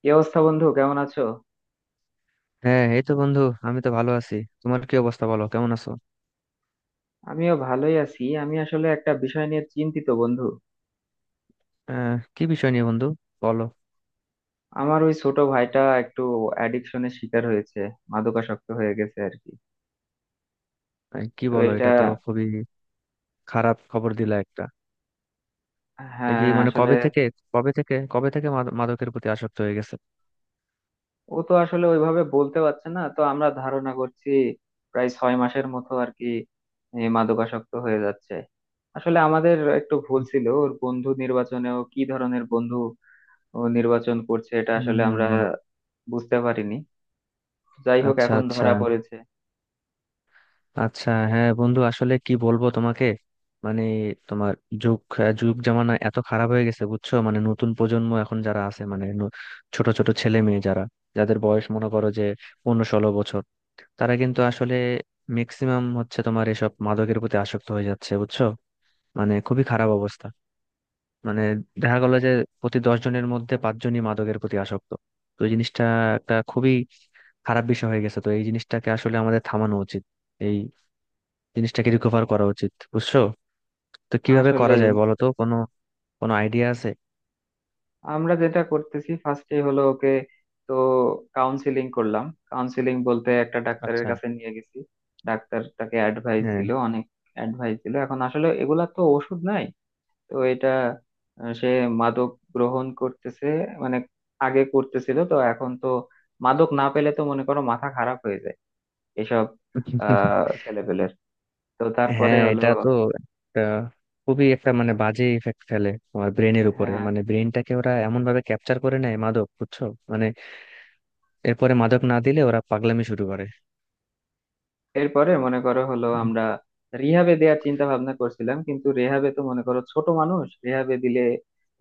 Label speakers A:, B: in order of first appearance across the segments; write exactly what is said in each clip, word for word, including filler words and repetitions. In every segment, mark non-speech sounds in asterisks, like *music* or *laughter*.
A: কি অবস্থা বন্ধু? কেমন আছো?
B: হ্যাঁ, এই তো বন্ধু। আমি তো ভালো আছি। তোমার কি অবস্থা, বলো কেমন আছো?
A: আমিও ভালোই আছি। আমি আসলে একটা বিষয় নিয়ে চিন্তিত, বন্ধু।
B: আহ কি বিষয় নিয়ে, বন্ধু? বলো।
A: আমার ওই ছোট ভাইটা একটু অ্যাডিকশনের শিকার হয়েছে, মাদকাসক্ত হয়ে গেছে আর কি।
B: আহ, কি
A: তো
B: বলো,
A: এটা,
B: এটা তো খুবই খারাপ খবর দিলা একটা। দেখি
A: হ্যাঁ
B: মানে
A: আসলে,
B: কবে থেকে, কবে থেকে কবে থেকে মাদ- মাদকের প্রতি আসক্ত হয়ে গেছে?
A: ও তো আসলে ওইভাবে বলতে পারছে না, তো আমরা ধারণা করছি প্রায় ছয় মাসের মতো আর কি এ, মাদকাসক্ত হয়ে যাচ্ছে। আসলে আমাদের একটু ভুল ছিল ওর বন্ধু নির্বাচনেও। কি ধরনের বন্ধু ও নির্বাচন করছে এটা
B: হুম
A: আসলে
B: হুম
A: আমরা
B: হুম।
A: বুঝতে পারিনি। যাই হোক,
B: আচ্ছা
A: এখন
B: আচ্ছা।
A: ধরা পড়েছে।
B: আচ্ছা, হ্যাঁ বন্ধু, আসলে কি বলবো তোমাকে। মানে তোমার যুগ আহ, যুগ জামানা এত খারাপ হয়ে গেছে, বুঝছো? মানে নতুন প্রজন্ম এখন যারা আছে, মানে ন- ছোট ছোট ছেলে মেয়ে যারা, যাদের বয়স মনে করো যে পনেরো ষোলো বছর, তারা কিন্তু আসলে ম্যাক্সিমাম হচ্ছে তোমার এসব মাদকের প্রতি আসক্ত হয়ে যাচ্ছে, বুঝছো? মানে খুবই খারাপ অবস্থা। মানে দেখা গেল যে প্রতি দশ জনের মধ্যে পাঁচজনই মাদকের প্রতি আসক্ত। তো এই জিনিসটা একটা খুবই খারাপ বিষয় হয়ে গেছে। তো এই জিনিসটাকে আসলে আমাদের থামানো উচিত, এই জিনিসটাকে রিকভার করা উচিত, বুঝছো? তো কিভাবে
A: আসলে
B: করা যায় বলো তো, কোনো কোনো আইডিয়া আছে?
A: আমরা যেটা করতেছি ফার্স্টে হলো ওকে, তো কাউন্সিলিং করলাম। কাউন্সিলিং বলতে একটা ডাক্তারের
B: আচ্ছা।
A: কাছে নিয়ে গেছি। ডাক্তার তাকে অ্যাডভাইস
B: হ্যাঁ।
A: দিল, অনেক অ্যাডভাইস দিল। এখন আসলে এগুলা তো ওষুধ নাই। তো এটা, আহ, সে মাদক গ্রহণ করতেছে, মানে আগে করতেছিল, তো এখন তো মাদক না পেলে তো মনে করো মাথা খারাপ হয়ে যায় এসব
B: *laughs*
A: আহ ছেলেপেলের। তো তারপরে
B: হ্যাঁ,
A: হলো,
B: এটা তো একটা খুবই একটা মানে বাজে ইফেক্ট ফেলে তোমার ব্রেনের উপরে।
A: হ্যাঁ
B: মানে ব্রেনটাকে ওরা এমন ভাবে ক্যাপচার করে নেয় মাদক, বুঝছো? মানে এরপরে মাদক না দিলে ওরা পাগলামি শুরু করে।
A: এরপরে মনে করো হলো
B: হুম,
A: আমরা রিহাবে দেওয়ার চিন্তা ভাবনা করছিলাম, কিন্তু রেহাবে তো মনে করো ছোট মানুষ রেহাবে দিলে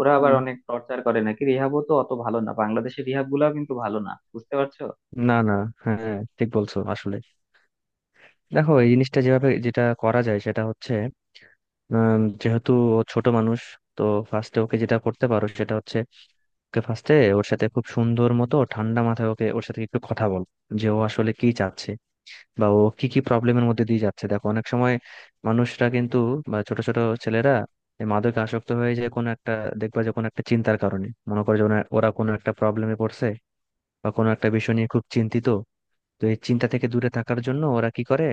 A: ওরা আবার
B: হুম।
A: অনেক টর্চার করে নাকি, রিহাবও তো অত ভালো না, বাংলাদেশের রিহাব গুলাও কিন্তু ভালো না, বুঝতে পারছো?
B: না না। হ্যাঁ হ্যাঁ, ঠিক বলছো আসলে। দেখো, এই জিনিসটা যেভাবে যেটা করা যায়, সেটা হচ্ছে উম, যেহেতু ও ছোট মানুষ, তো ফার্স্টে ওকে যেটা করতে পারো সেটা হচ্ছে ওকে ফার্স্টে ওর সাথে খুব সুন্দর মতো ঠান্ডা মাথায় ওকে ওর সাথে একটু কথা বল, যে ও আসলে কি চাচ্ছে বা ও কি কি প্রবলেমের মধ্যে দিয়ে যাচ্ছে। দেখো অনেক সময় মানুষরা কিন্তু, বা ছোট ছোট ছেলেরা এই মাদকে আসক্ত হয়ে যায় কোনো একটা, দেখবা যে কোনো একটা চিন্তার কারণে, মনে করে যে ওনা- ওরা কোনো একটা প্রবলেমে পড়ছে বা কোনো একটা বিষয় নিয়ে খুব চিন্তিত। তো এই চিন্তা থেকে দূরে থাকার জন্য ওরা কি করে,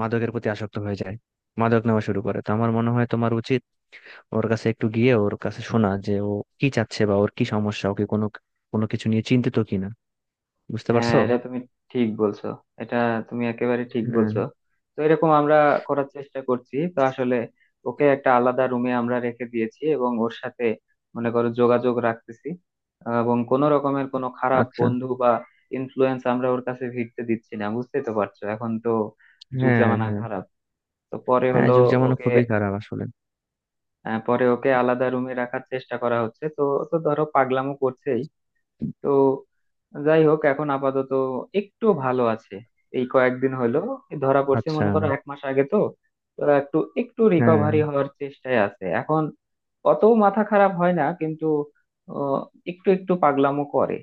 B: মাদকের প্রতি আসক্ত হয়ে যায়, মাদক নেওয়া শুরু করে। তো আমার মনে হয় তোমার উচিত ওর কাছে একটু গিয়ে ওর কাছে শোনা, যে ও কি চাচ্ছে বা ওর কি সমস্যা, ওকে কোনো কোনো কিছু নিয়ে চিন্তিত কিনা। বুঝতে
A: হ্যাঁ,
B: পারছো?
A: এটা তুমি ঠিক বলছো। এটা তুমি একেবারে ঠিক
B: হ্যাঁ।
A: বলছো। তো এরকম আমরা করার চেষ্টা করছি। তো আসলে ওকে একটা আলাদা রুমে আমরা রেখে দিয়েছি এবং ওর সাথে মনে করো যোগাযোগ রাখতেছি, আহ, এবং কোনো রকমের কোনো খারাপ
B: আচ্ছা।
A: বন্ধু বা ইনফ্লুয়েন্স আমরা ওর কাছে ভিড়তে দিচ্ছি না। বুঝতেই তো পারছো, এখন তো যুগ
B: হ্যাঁ
A: জামানা
B: হ্যাঁ।
A: খারাপ। তো পরে
B: হ্যাঁ
A: হলো
B: যুগ জামানো
A: ওকে,
B: খুবই খারাপ আসলে।
A: আহ, পরে ওকে আলাদা রুমে রাখার চেষ্টা করা হচ্ছে, তো ও তো ধরো পাগলামো করছেই। তো যাই হোক এখন আপাতত একটু ভালো আছে, এই কয়েকদিন হলো ধরা পড়ছে,
B: আচ্ছা।
A: মনে করো এক মাস আগে। তো তো একটু একটু
B: হ্যাঁ।
A: রিকভারি হওয়ার চেষ্টায় আছে এখন, অত মাথা খারাপ হয় না, কিন্তু আহ, একটু একটু পাগলামো করে।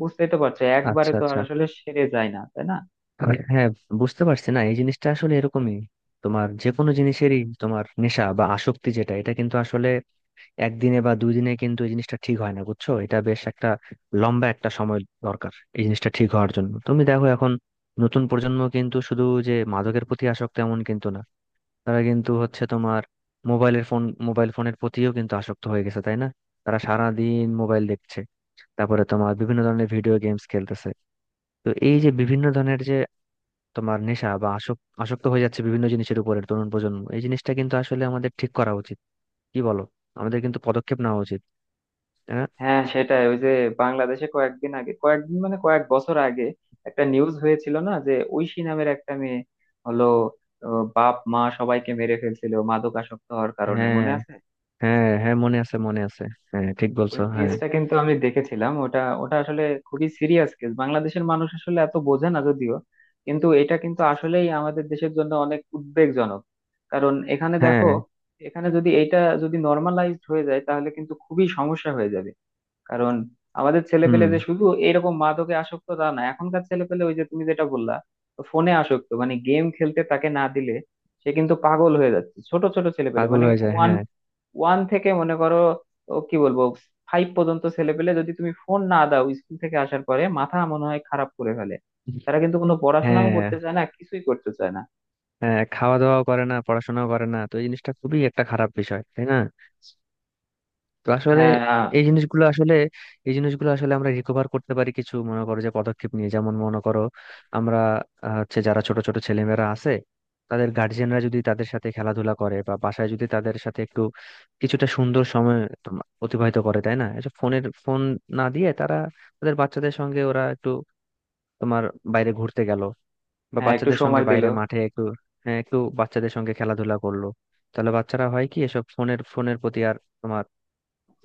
A: বুঝতেই তো পারছো, একবারে
B: আচ্ছা
A: তো আর
B: আচ্ছা।
A: আসলে সেরে যায় না, তাই না?
B: আর হ্যাঁ, বুঝতে পারছি না, এই জিনিসটা আসলে এরকমই। তোমার যে কোনো জিনিসেরই তোমার নেশা বা আসক্তি যেটা, এটা কিন্তু আসলে একদিনে বা দুই দিনে কিন্তু এই জিনিসটা ঠিক হয় না, বুঝছো। এটা বেশ একটা লম্বা একটা সময় দরকার এই জিনিসটা ঠিক হওয়ার জন্য। তুমি দেখো এখন নতুন প্রজন্ম কিন্তু শুধু যে মাদকের প্রতি আসক্ত, এমন কিন্তু না। তারা কিন্তু হচ্ছে তোমার মোবাইলের ফোন মোবাইল ফোনের প্রতিও কিন্তু আসক্ত হয়ে গেছে, তাই না? তারা সারা দিন মোবাইল দেখছে, তারপরে তোমার বিভিন্ন ধরনের ভিডিও গেমস খেলতেছে। তো এই যে বিভিন্ন ধরনের যে তোমার নেশা বা আসক- আসক্ত হয়ে যাচ্ছে বিভিন্ন জিনিসের উপরে তরুণ প্রজন্ম, এই জিনিসটা কিন্তু আসলে আমাদের ঠিক করা উচিত। কি বলো? আমাদের কিন্তু পদক্ষেপ নেওয়া উচিত। হ্যাঁ
A: হ্যাঁ সেটাই। ওই যে বাংলাদেশে কয়েকদিন আগে, কয়েকদিন মানে কয়েক বছর আগে একটা নিউজ হয়েছিল না, যে ঐশী নামের একটা মেয়ে হলো আহ, বাপ মা সবাইকে মেরে ফেলছিল মাদকাসক্ত হওয়ার কারণে,
B: হ্যাঁ।
A: মনে আছে?
B: হ্যাঁ হ্যাঁ, মনে আছে মনে আছে। হ্যাঁ ঠিক বলছো,
A: ওই
B: হ্যাঁ।
A: কেসটা কিন্তু আমি দেখেছিলাম। ওটা ওটা আসলে খুবই সিরিয়াস কেস। বাংলাদেশের মানুষ আসলে এত বোঝে না যদিও, কিন্তু এটা কিন্তু আসলেই আমাদের দেশের জন্য অনেক উদ্বেগজনক। কারণ এখানে
B: হ্যাঁ।
A: দেখো, এখানে যদি এটা যদি নর্মালাইজড হয়ে যায় তাহলে কিন্তু খুবই সমস্যা হয়ে যাবে। কারণ আমাদের ছেলেপেলে
B: হুম।
A: যে শুধু এইরকম মাদকে আসক্ত তা না, এখনকার ছেলেপেলে ওই যে তুমি যেটা বললা, ফোনে আসক্ত, মানে গেম খেলতে তাকে না দিলে সে কিন্তু পাগল হয়ে যাচ্ছে। ছোট ছোট ছেলেপেলে
B: পাগল
A: মানে
B: হয়ে যায়,
A: ওয়ান
B: হ্যাঁ।
A: ওয়ান থেকে মনে করো, ও কি বলবো, ফাইভ পর্যন্ত ছেলেপেলে যদি তুমি ফোন না দাও স্কুল থেকে আসার পরে মাথা মনে হয় খারাপ করে ফেলে। তারা কিন্তু কোনো পড়াশোনাও
B: হ্যাঁ।
A: করতে চায় না, কিছুই করতে চায় না।
B: হ্যাঁ, খাওয়া দাওয়াও করে না, পড়াশোনাও করে না। তো এই জিনিসটা খুবই একটা খারাপ বিষয়, তাই না? তো আসলে
A: হ্যাঁ।
B: এই জিনিসগুলো আসলে এই জিনিসগুলো আসলে আমরা রিকভার করতে পারি কিছু মনে করো যে পদক্ষেপ নিয়ে, যেমন মনে করো আমরা আহ, হচ্ছে যারা ছোট ছোট ছেলেমেয়েরা আছে তাদের গার্জিয়ানরা যদি তাদের সাথে খেলাধুলা করে, বা বাসায় যদি তাদের সাথে একটু কিছুটা সুন্দর সময় তোমা- অতিবাহিত করে, তাই না, এসব ফোনের ফোন না দিয়ে তারা তাদের বাচ্চাদের সঙ্গে ওরা একটু তোমার বাইরে ঘুরতে গেল বা
A: হ্যাঁ একটু
B: বাচ্চাদের সঙ্গে
A: সময় দিল।
B: বাইরে মাঠে একটু, হ্যাঁ একটু বাচ্চাদের সঙ্গে খেলাধুলা করলো, তাহলে বাচ্চারা হয় কি এসব ফোনের ফোনের প্রতি আর তোমার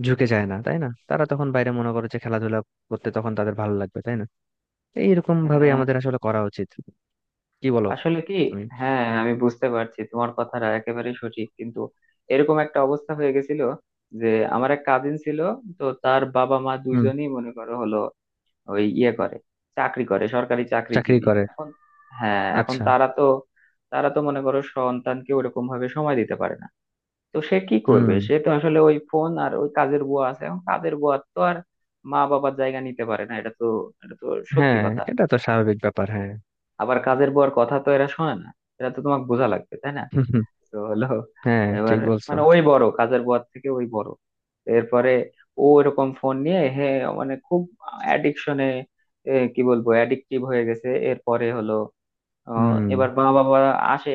B: ঝুঁকে যায় না, তাই না? তারা তখন বাইরে মনে করে যে খেলাধুলা করতে, তখন তাদের ভালো লাগবে, তাই না? এইরকম ভাবে
A: হ্যাঁ
B: আমাদের আসলে করা উচিত। কি বলো
A: আসলে কি,
B: তুমি?
A: হ্যাঁ আমি বুঝতে পারছি, তোমার কথাটা একেবারে সঠিক, কিন্তু এরকম একটা অবস্থা হয়ে গেছিল যে আমার এক কাজিন ছিল, তো তার বাবা মা
B: হুম।
A: দুইজনই মনে করো হলো ওই ইয়ে করে, চাকরি করে, সরকারি
B: চাকরি
A: চাকরিজীবী
B: করে।
A: এখন। হ্যাঁ, এখন
B: আচ্ছা।
A: তারা তো তারা তো মনে করো সন্তানকে ওরকম ভাবে সময় দিতে পারে না। তো সে কি
B: হুম।
A: করবে, সে তো আসলে ওই ফোন আর ওই কাজের বুয়া আছে। এখন কাজের বুয়া তো আর মা বাবার জায়গা নিতে পারে না, এটা তো এটা তো সত্যি
B: হ্যাঁ,
A: কথা।
B: এটা তো স্বাভাবিক ব্যাপার, হ্যাঁ।
A: আবার কাজের বউয়ের কথা তো এরা শোনে না, এটা তো তোমাকে বোঝা লাগবে, তাই না?
B: *laughs* হুম,
A: তো হলো
B: হ্যাঁ ঠিক
A: এবার,
B: বলছো।
A: মানে ওই বড় কাজের বউয়ের থেকে ওই বড়, এরপরে ও এরকম ফোন নিয়ে হে মানে খুব অ্যাডিকশনে, কি বলবো, অ্যাডিকটিভ হয়ে গেছে। এরপরে হলো আহ,
B: হুম।
A: এবার মা বাবা আসে,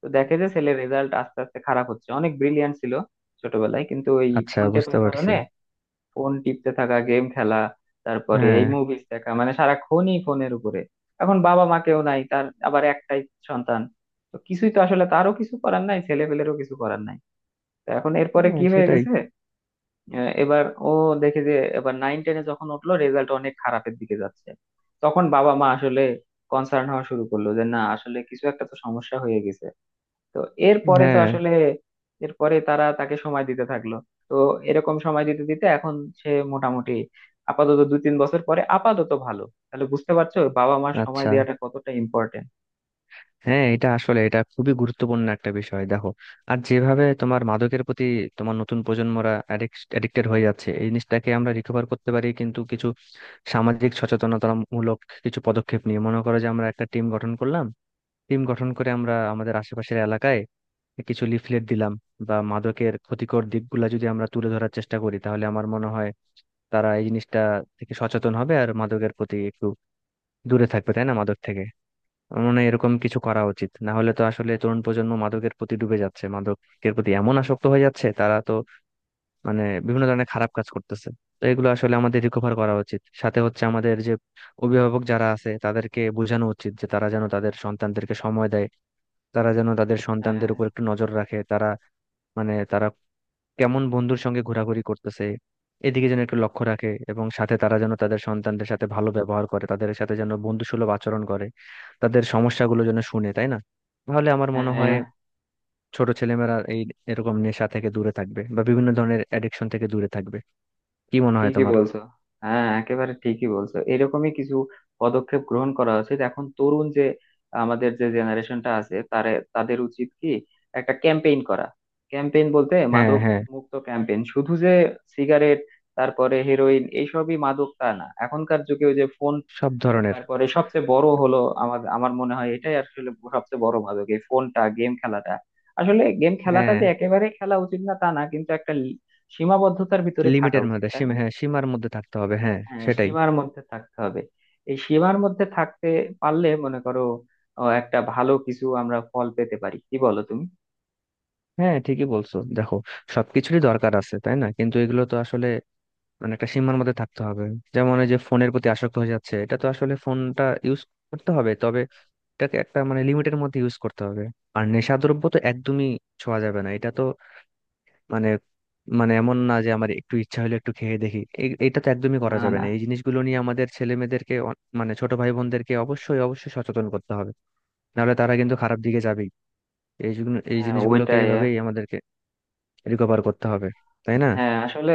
A: তো দেখে যে ছেলের রেজাল্ট আস্তে আস্তে খারাপ হচ্ছে, অনেক ব্রিলিয়ান্ট ছিল ছোটবেলায়, কিন্তু ওই
B: আচ্ছা,
A: ফোন টেপার
B: বুঝতে পারছি।
A: কারণে, ফোন টিপতে থাকা, গেম খেলা, তারপরে
B: হ্যাঁ।
A: এই মুভিজ দেখা, মানে সারাক্ষণই ফোনের উপরে। এখন বাবা মা কেউ নাই তার, আবার একটাই সন্তান, তো কিছুই তো আসলে, তারও কিছু করার নাই, ছেলে পেলেরও কিছু করার নাই। তো এখন এরপরে
B: হ্যাঁ
A: কি হয়ে
B: সেটাই।
A: গেছে, আহ, এবার ও দেখে যে, এবার নাইন টেনে যখন উঠলো রেজাল্ট অনেক খারাপের দিকে যাচ্ছে, তখন বাবা মা আসলে কনসার্ন হওয়া শুরু করলো যে না আসলে কিছু একটা তো সমস্যা হয়ে গেছে। তো এরপরে তো
B: হ্যাঁ।
A: আসলে, এরপরে তারা তাকে সময় দিতে থাকলো। তো এরকম সময় দিতে দিতে এখন সে মোটামুটি আপাতত দু তিন বছর পরে আপাতত ভালো। তাহলে বুঝতে পারছো বাবা মার সময়
B: আচ্ছা।
A: দেওয়াটা কতটা ইম্পর্টেন্ট?
B: হ্যাঁ, এটা আসলে এটা খুবই গুরুত্বপূর্ণ একটা বিষয়। দেখো আর যেভাবে তোমার মাদকের প্রতি তোমার নতুন প্রজন্মরা অ্যাডিক্টেড হয়ে যাচ্ছে, এই জিনিসটাকে আমরা রিকভার করতে পারি কিন্তু কিছু সামাজিক সচেতনতামূলক কিছু পদক্ষেপ নিয়ে। মনে করো যে আমরা একটা টিম গঠন করলাম, টিম গঠন করে আমরা আমাদের আশেপাশের এলাকায় কিছু লিফলেট দিলাম বা মাদকের ক্ষতিকর দিকগুলা যদি আমরা তুলে ধরার চেষ্টা করি, তাহলে আমার মনে হয় তারা এই জিনিসটা থেকে সচেতন হবে আর মাদকের প্রতি একটু দূরে থাকবে, তাই না, মাদক থেকে। আমার মনে হয় এরকম কিছু করা উচিত, না হলে তো আসলে তরুণ প্রজন্ম মাদকের প্রতি ডুবে যাচ্ছে, মাদকের প্রতি এমন আসক্ত হয়ে যাচ্ছে তারা, তো মানে বিভিন্ন ধরনের খারাপ কাজ করতেছে। তো এগুলো আসলে আমাদের রিকভার করা উচিত, সাথে হচ্ছে আমাদের যে অভিভাবক যারা আছে তাদেরকে বোঝানো উচিত যে তারা যেন তাদের সন্তানদেরকে সময় দেয়, তারা যেন তাদের
A: হ্যাঁ।
B: সন্তানদের উপর একটু নজর রাখে, তারা মানে তারা কেমন বন্ধুর সঙ্গে ঘোরাঘুরি করতেছে এদিকে যেন একটু লক্ষ্য রাখে, এবং সাথে তারা যেন তাদের সন্তানদের সাথে ভালো ব্যবহার করে, তাদের সাথে যেন বন্ধুসুলভ আচরণ করে, তাদের সমস্যাগুলো যেন শুনে, তাই না? তাহলে আমার মনে
A: হ্যাঁ
B: হয় ছোট ছেলেমেয়েরা এই এরকম নেশা থেকে দূরে থাকবে বা বিভিন্ন ধরনের অ্যাডিকশন থেকে দূরে থাকবে। কি মনে হয়
A: ঠিকই
B: তোমার?
A: বলছো, হ্যাঁ একেবারে ঠিকই বলছো। এরকমই কিছু পদক্ষেপ গ্রহণ করা উচিত। এখন তরুণ যে আমাদের যে জেনারেশনটা আছে তারে তাদের উচিত কি একটা ক্যাম্পেইন করা, ক্যাম্পেইন বলতে
B: হ্যাঁ
A: মাদক
B: হ্যাঁ।
A: মুক্ত ক্যাম্পেইন। শুধু যে সিগারেট তারপরে হেরোইন এইসবই মাদক তা না, এখনকার যুগে ওই যে ফোন,
B: সব ধরনের।
A: তারপরে সবচেয়ে বড় হলো, আমার আমার মনে হয় এটাই আসলে সবচেয়ে বড় মাদক, এই ফোনটা, গেম খেলাটা। আসলে গেম খেলাটা
B: হ্যাঁ।
A: যে একেবারে খেলা উচিত না তা না, কিন্তু একটা লি- সীমাবদ্ধতার ভিতরে থাকা
B: লিমিটের
A: উচিত,
B: মধ্যে,
A: তাই
B: সীমা,
A: না?
B: হ্যাঁ সীমার মধ্যে থাকতে হবে, হ্যাঁ।
A: হ্যাঁ,
B: সেটাই।
A: সীমার মধ্যে থাকতে হবে। এই সীমার মধ্যে থাকতে পারলে মনে করো আহ, একটা ভালো কিছু আমরা ফল পেতে পারি, কি বলো তুমি?
B: হ্যাঁ ঠিকই বলছো। দেখো সবকিছুরই দরকার আছে, তাই না, কিন্তু এগুলো তো আসলে মানে একটা সীমার মধ্যে থাকতে হবে। যেমন এই যে ফোনের প্রতি আসক্ত হয়ে যাচ্ছে, এটা তো আসলে ফোনটা ইউজ করতে হবে, তবে এটাকে একটা মানে লিমিটের মধ্যে ইউজ করতে হবে। আর নেশাদ্রব্য তো একদমই ছোঁয়া যাবে না। এটা তো মানে, মানে এমন না যে আমার একটু ইচ্ছা হলে একটু খেয়ে দেখি, এই- এটা তো একদমই
A: না,
B: করা যাবে
A: না।
B: না। এই জিনিসগুলো নিয়ে আমাদের ছেলে মেয়েদেরকে, মানে ছোট ভাই বোনদেরকে অবশ্যই অবশ্যই সচেতন করতে হবে, নাহলে তারা কিন্তু খারাপ দিকে যাবেই। এই জন্য- এই
A: হ্যাঁ
B: জিনিসগুলোকে
A: ওইটাই।
B: এইভাবেই আমাদেরকে রিকভার করতে হবে, তাই না?
A: হ্যাঁ আসলে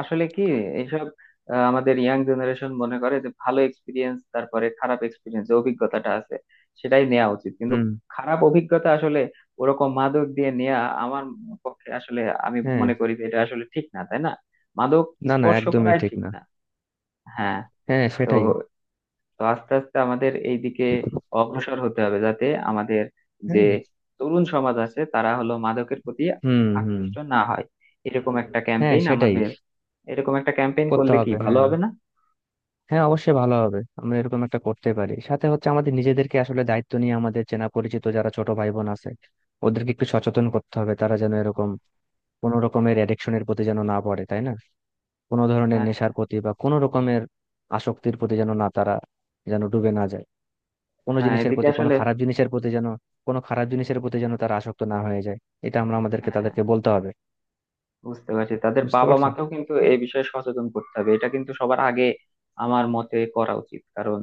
A: আসলে কি, এইসব, আহ, আমাদের ইয়াং জেনারেশন মনে করে যে ভালো এক্সপিরিয়েন্স, তারপরে খারাপ এক্সপিরিয়েন্স, যে অভিজ্ঞতাটা আছে সেটাই নেওয়া উচিত। কিন্তু
B: হুম।
A: খারাপ অভিজ্ঞতা আসলে ওরকম মাদক দিয়ে নেওয়া আমার পক্ষে আসলে, আমি
B: হ্যাঁ।
A: মনে করি যে এটা আসলে ঠিক না, তাই না? মাদক
B: না না,
A: স্পর্শ
B: একদমই
A: করাই
B: ঠিক
A: ঠিক
B: না।
A: না। হ্যাঁ।
B: হ্যাঁ
A: তো
B: সেটাই।
A: তো আস্তে আস্তে আমাদের এই দিকে অগ্রসর হতে হবে যাতে আমাদের যে
B: হ্যাঁ।
A: তরুণ সমাজ আছে তারা হলো মাদকের প্রতি
B: হুম হুম।
A: আকৃষ্ট না হয়। এরকম একটা
B: হ্যাঁ
A: ক্যাম্পেইন
B: সেটাই,
A: আমাদের, এরকম একটা ক্যাম্পেইন
B: করতে
A: করলে কি
B: হবে,
A: ভালো
B: হ্যাঁ।
A: হবে না?
B: হ্যাঁ অবশ্যই ভালো হবে, আমরা এরকম একটা করতে পারি, সাথে হচ্ছে আমাদের নিজেদেরকে আসলে দায়িত্ব নিয়ে আমাদের চেনা পরিচিত যারা ছোট ভাই বোন আছে ওদেরকে একটু সচেতন করতে হবে, তারা যেন এরকম কোনো রকমের অ্যাডিকশনের প্রতি যেন না পড়ে, তাই না, কোনো ধরনের
A: হ্যাঁ,
B: নেশার প্রতি বা কোনো রকমের আসক্তির প্রতি যেন না, তারা যেন ডুবে না যায় কোনো
A: হ্যাঁ।
B: জিনিসের
A: এদিকে
B: প্রতি, কোনো
A: আসলে,
B: খারাপ জিনিসের প্রতি যেন কোনো খারাপ জিনিসের প্রতি যেন তারা আসক্ত না হয়ে যায়। এটা আমরা আমাদেরকে
A: হ্যাঁ
B: তাদেরকে বলতে হবে।
A: বুঝতে পারছি, তাদের
B: বুঝতে
A: বাবা
B: পারছো?
A: মাকেও কিন্তু এই বিষয়ে সচেতন করতে হবে। এটা কিন্তু সবার আগে আমার মতে করা উচিত, কারণ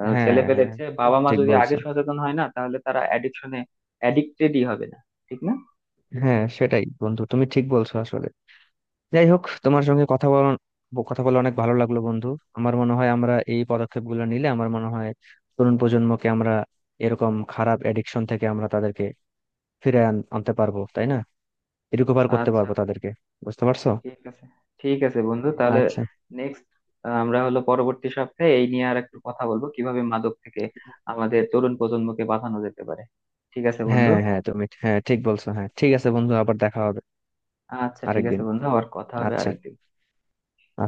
A: আহ,
B: হ্যাঁ
A: ছেলে পেলে
B: হ্যাঁ,
A: চেয়ে বাবা মা
B: ঠিক
A: যদি আগে
B: বলছো।
A: সচেতন হয় না তাহলে তারা অ্যাডিকশনে অ্যাডিক্টেডই হবে না। ঠিক না?
B: হ্যাঁ সেটাই বন্ধু, তুমি ঠিক বলছো আসলে। যাই হোক, তোমার সঙ্গে কথা বল কথা বলে অনেক ভালো লাগলো বন্ধু। আমার মনে হয় আমরা এই পদক্ষেপগুলো নিলে আমার মনে হয় তরুণ প্রজন্মকে আমরা এরকম খারাপ এডিকশন থেকে আমরা তাদেরকে ফিরে আন- আনতে পারবো, তাই না, রিকভার করতে
A: আচ্ছা,
B: পারবো তাদেরকে। বুঝতে পারছো?
A: ঠিক আছে। ঠিক আছে বন্ধু, তাহলে
B: আচ্ছা।
A: নেক্সট আমরা হলো পরবর্তী সপ্তাহে এই নিয়ে আর একটু কথা বলবো কিভাবে মাদক থেকে আমাদের তরুণ প্রজন্মকে বাঁচানো যেতে পারে। ঠিক আছে বন্ধু।
B: হ্যাঁ হ্যাঁ, তুমি হ্যাঁ ঠিক বলছো, হ্যাঁ ঠিক আছে বন্ধু, আবার দেখা হবে।
A: আচ্ছা ঠিক
B: আরেকদিন।
A: আছে বন্ধু, আবার কথা হবে
B: আচ্ছা।
A: আরেকদিন।